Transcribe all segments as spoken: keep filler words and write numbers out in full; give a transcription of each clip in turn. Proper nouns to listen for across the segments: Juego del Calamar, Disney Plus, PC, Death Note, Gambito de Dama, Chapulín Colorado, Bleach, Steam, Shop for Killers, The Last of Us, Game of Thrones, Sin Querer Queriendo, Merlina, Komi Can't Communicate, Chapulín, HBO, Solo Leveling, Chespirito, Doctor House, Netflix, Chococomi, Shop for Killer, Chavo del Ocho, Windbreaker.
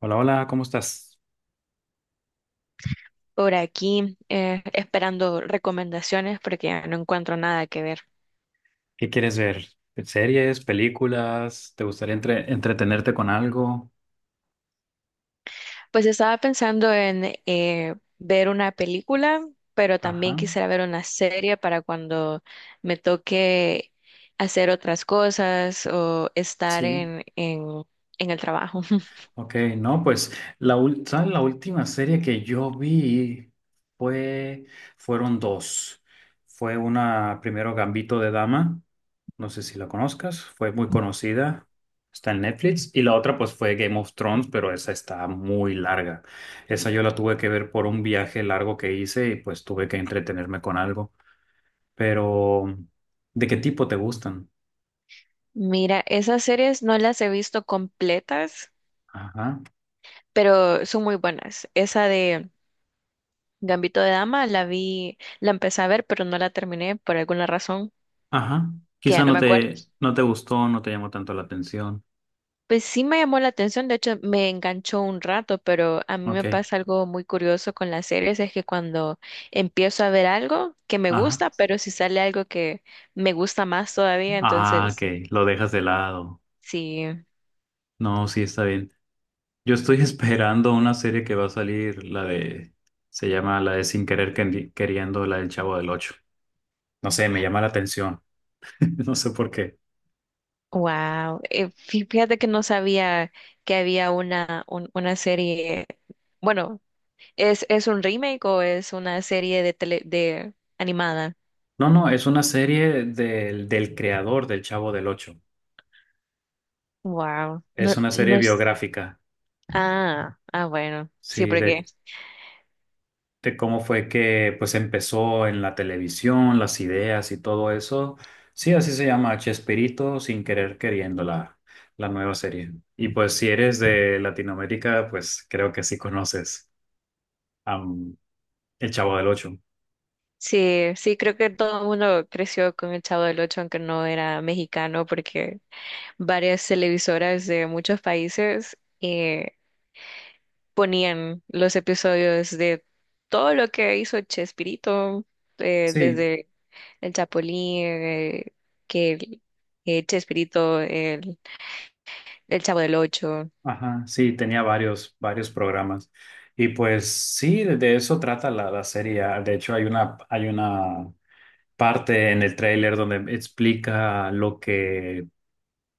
Hola, hola, ¿cómo estás? Por aquí eh, esperando recomendaciones porque no encuentro nada que ver. ¿Qué quieres ver? ¿Series, películas? ¿Te gustaría entre- entretenerte con algo? Pues estaba pensando en eh, ver una película, pero también Ajá, quisiera ver una serie para cuando me toque hacer otras cosas o estar sí. en, en, en el trabajo. Ok, no, pues la, ul- ¿sabes? La última serie que yo vi fue, fueron dos. Fue una, primero Gambito de Dama, no sé si la conozcas, fue muy conocida, está en Netflix. Y la otra pues fue Game of Thrones, pero esa está muy larga. Esa yo la tuve que ver por un viaje largo que hice y pues tuve que entretenerme con algo. Pero ¿de qué tipo te gustan? Mira, esas series no las he visto completas, Ajá, pero son muy buenas. Esa de Gambito de Dama la vi, la empecé a ver, pero no la terminé por alguna razón ajá. que ya Quizá no no me acuerdo. te, no te gustó, no te llamó tanto la atención. Pues sí me llamó la atención, de hecho me enganchó un rato, pero a mí Ok, me pasa algo muy curioso con las series, es que cuando empiezo a ver algo que me ajá. gusta, pero si sale algo que me gusta más todavía, Ah, entonces ok, lo dejas de lado. sí, No, sí, está bien. Yo estoy esperando una serie que va a salir, la de, se llama la de Sin Querer Quendi- Queriendo, la del Chavo del Ocho. No sé, me llama la atención. No sé por qué. wow. Fíjate que no sabía que había una, un- una serie, bueno, ¿es, es un remake o es una serie de tele, de animada? No, no, es una serie del, del creador del Chavo del Ocho. Wow, no, Es una serie no, s- biográfica. ah, ah, bueno, sí, Sí, porque... de de cómo fue que pues empezó en la televisión, las ideas y todo eso. Sí, así se llama Chespirito, sin querer queriendo la, la nueva serie. Y pues si eres de Latinoamérica, pues creo que sí conoces a mm, El Chavo del Ocho. Sí, sí, creo que todo el mundo creció con el Chavo del Ocho, aunque no era mexicano, porque varias televisoras de muchos países eh, ponían los episodios de todo lo que hizo Chespirito, eh, Sí, desde el Chapulín, eh, que el- eh, Chespirito, el, el Chavo del Ocho. ajá, sí, tenía varios, varios programas. Y pues sí, de de eso trata la, la serie. Ah, de hecho, hay una, hay una parte en el tráiler donde explica lo que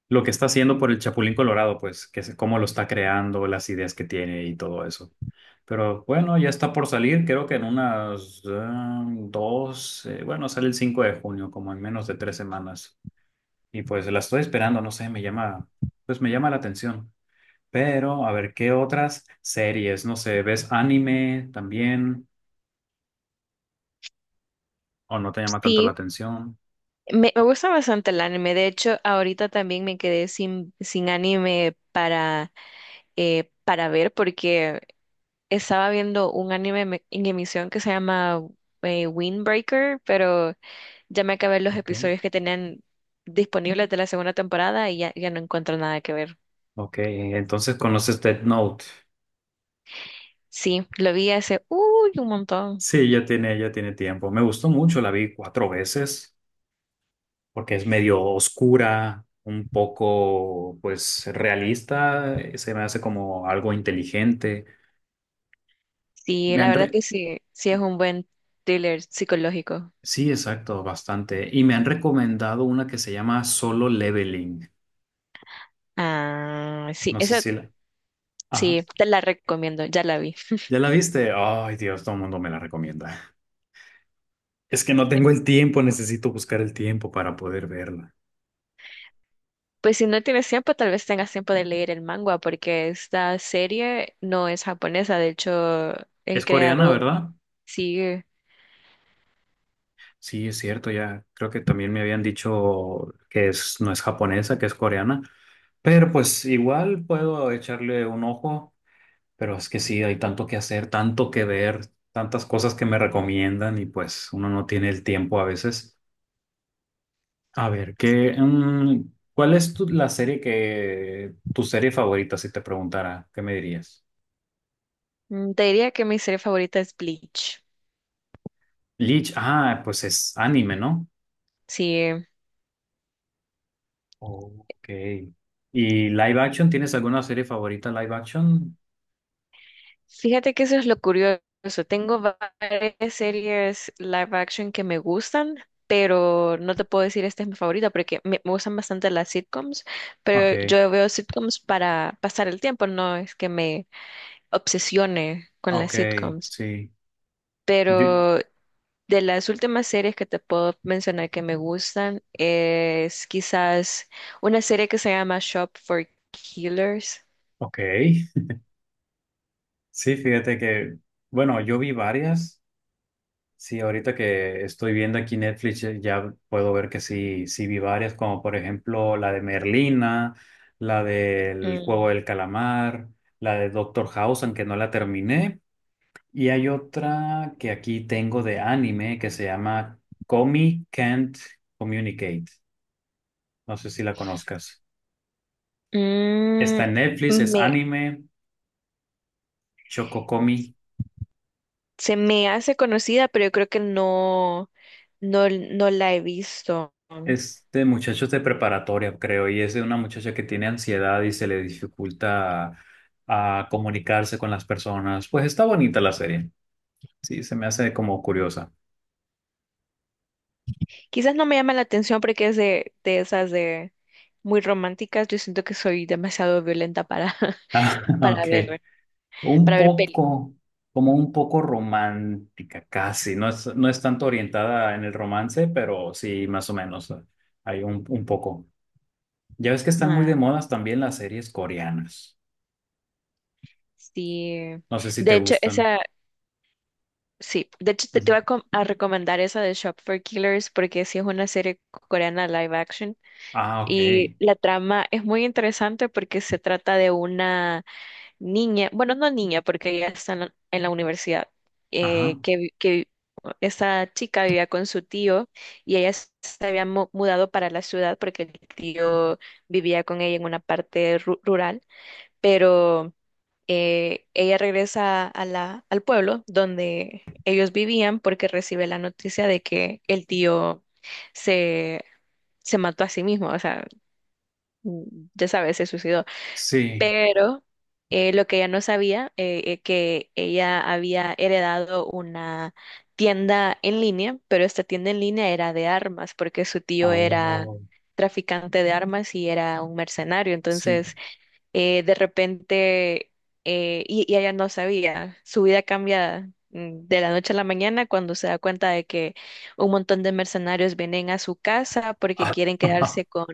lo que está haciendo por el Chapulín Colorado, pues, que es cómo lo está creando, las ideas que tiene y todo eso. Pero bueno, ya está por salir, creo que en unas eh, dos, eh, bueno, sale el cinco de junio, como en menos de tres semanas. Y pues la estoy esperando, no sé, me llama, pues me llama la atención. Pero a ver, ¿qué otras series? No sé, ¿ves anime también? ¿O no te llama tanto la Sí, atención? me, me gusta bastante el anime. De hecho, ahorita también me quedé sin, sin anime para, eh, para ver porque estaba viendo un anime me- en emisión que se llama eh, Windbreaker, pero ya me acabé los Ok. episodios que tenían disponibles de la segunda temporada y ya, ya no encuentro nada que ver. Ok, entonces conoces Death Note. Sí, lo vi hace, uy, un montón. Sí, ya tiene, ya tiene tiempo. Me gustó mucho, la vi cuatro veces, porque es medio oscura, un poco, pues, realista, eh, se me hace como algo inteligente. Sí, Me la han verdad re- que sí, sí es un buen thriller psicológico. Sí, exacto, bastante. Y me han recomendado una que se llama Solo Leveling. Ah, sí, No sé esa si la... Ajá. sí, te la recomiendo, ya la vi. ¿Ya la viste? Ay, Dios, todo el mundo me la recomienda. Es que no tengo el tiempo, necesito buscar el tiempo para poder verla. Pues si no tienes tiempo, tal vez tengas tiempo de leer el manga, porque esta serie no es japonesa, de hecho, el ¿Es coreana, creador... verdad? Sí, Sí, es cierto, ya creo que también me habían dicho que es, no es japonesa, que es coreana, pero pues igual puedo echarle un ojo, pero es que sí, hay tanto que hacer, tanto que ver, tantas cosas que me recomiendan y pues uno no tiene el tiempo a veces. A ver, ¿qué, mm, ¿cuál es tu- la serie que, tu serie favorita, si te preguntara, qué me dirías? mm, te diría que mi serie favorita es Bleach. Bleach, ah, pues es anime, ¿no? Sí, Ok. ¿Y live action? ¿Tienes alguna serie favorita live action? fíjate que eso es lo curioso. Tengo varias series live action que me gustan, pero no te puedo decir esta es mi favorita porque me, me gustan bastante las sitcoms, pero Ok. yo veo sitcoms para pasar el tiempo, no es que me obsesione con las Ok, sitcoms. sí. Yo, Pero de las últimas series que te puedo mencionar que me gustan es quizás una serie que se llama Shop for Killers. ok, sí, fíjate que, bueno, yo vi varias. Sí, ahorita que estoy viendo aquí Netflix, eh, ya puedo ver que sí, sí vi varias, como por ejemplo la de Merlina, la del Juego Mm, del Calamar, la de Doctor House, aunque no la terminé. Y hay otra que aquí tengo de anime que se llama Komi Can't Communicate. No sé si la conozcas. Mm, Está en Netflix, es me, anime, Chococomi. Se me hace conocida, pero yo creo que no, no, no la he visto. Este muchacho es de preparatoria, creo, y es de una muchacha que tiene ansiedad y se le dificulta a, comunicarse con las personas. Pues está bonita la serie. Sí, se me hace como curiosa. Quizás no me llama la atención porque es de, de esas de muy románticas. Yo siento que soy demasiado violenta para, Ah, para ok. ver, Un para ver películas. poco, como un poco romántica, casi. No es, no es tanto orientada en el romance, pero sí, más o menos. eh, Hay un, un poco. Ya ves que están muy Ah, de modas también las series coreanas. sí. No sé si te De hecho, gustan. esa, sí. De hecho, te, te Ujú. voy a, com- a recomendar esa de Shop for Killers porque sí es una serie coreana live action. Ah, Y ok. la trama es muy interesante porque se trata de una niña, bueno, no niña, porque ella está en la, en la universidad, eh, Ajá. que, vi- que vi- esta chica vivía con su tío y ella s- se había mu- mudado para la ciudad porque el tío vivía con ella en una parte ru- rural, pero eh, ella regresa a la, al pueblo donde ellos vivían porque recibe la noticia de que el tío se, se mató a sí mismo, o sea, mm, ya sabes, se suicidó. Sí. Pero eh, lo que ella no sabía, eh, eh, que ella había heredado una tienda en línea, pero esta tienda en línea era de armas, porque su tío era Oh, traficante de armas y era un mercenario. sí. Entonces, eh, de repente, eh, y, y ella no sabía, su vida cambia, mm, de la noche a la mañana cuando se da cuenta de que un montón de mercenarios vienen a su casa porque Ah, quieren ajá, quedarse con,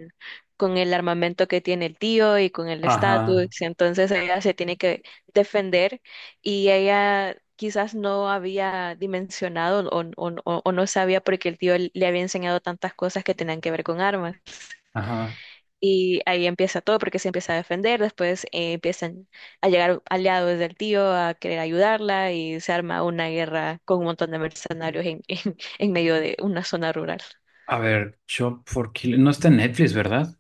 con el armamento que tiene el tío y con el estatus, ajá. entonces ella se tiene que defender y ella... Quizás no había dimensionado o, o- o- o no sabía porque el tío le había enseñado tantas cosas que tenían que ver con armas. Y ahí empieza todo porque se empieza a defender, después eh, empiezan a llegar aliados del tío a querer ayudarla y se arma una guerra con un montón de mercenarios en, en, en medio de una zona rural. A ver, Shop for Killer. No está en Netflix, ¿verdad?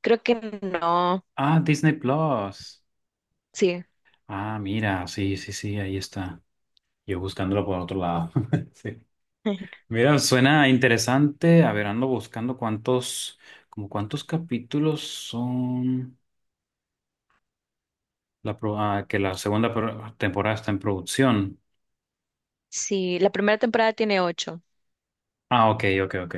Creo que no, Ah, Disney Plus. sí, Ah, mira, sí, sí, sí, ahí está. Yo buscándolo por otro lado. Sí. Mira, suena interesante. A ver, ando buscando cuántos, como cuántos capítulos son la pro- ah, que la segunda pro- temporada está en producción. sí, la primera temporada tiene ocho. Ah, ok, ok, ok.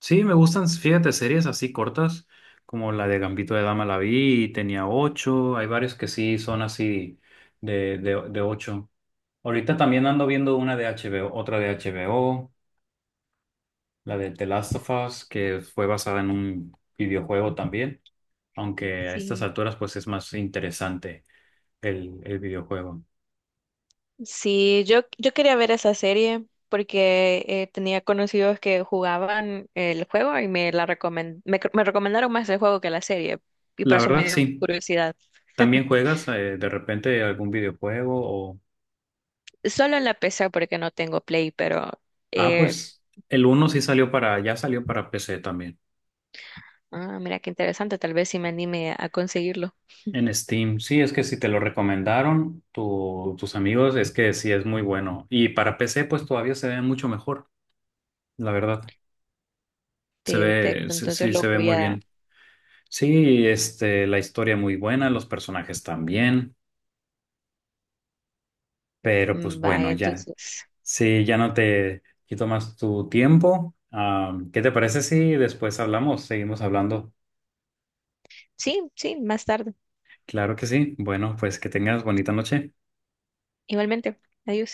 Sí, me gustan, fíjate, series así cortas, como la de Gambito de Dama la vi y tenía ocho. Hay varios que sí son así de, de, de ocho. Ahorita también ando viendo una de H B O, otra de H B O, la de The Last of Us, que fue basada en un videojuego también, aunque a estas Sí, alturas pues es más interesante el, el videojuego. sí, yo, yo quería ver esa serie porque eh, tenía conocidos que jugaban el juego y me, la recomen- me, me recomendaron más el juego que la serie y por La eso me verdad dio sí, curiosidad. también juegas eh, de repente algún videojuego o... Solo en la P C porque no tengo Play, pero Ah, eh, pues el uno sí salió para, ya salió para P C también. ah, mira qué interesante, tal vez si me anime a conseguirlo. En Steam, sí, es que si te lo recomendaron tu- tus amigos, es que sí es muy bueno. Y para P C, pues todavía se ve mucho mejor, la verdad. Se ve, Perfecto, se- entonces sí, lo se ve voy muy a... bien. Sí, este, la historia muy buena, los personajes también, pero pues Vaya, bueno, ya. entonces. Sí, ya no te quito más tu tiempo. Ah, ¿qué te parece si después hablamos? Seguimos hablando. Sí, sí, más tarde. Claro que sí. Bueno, pues que tengas bonita noche. Igualmente. Adiós.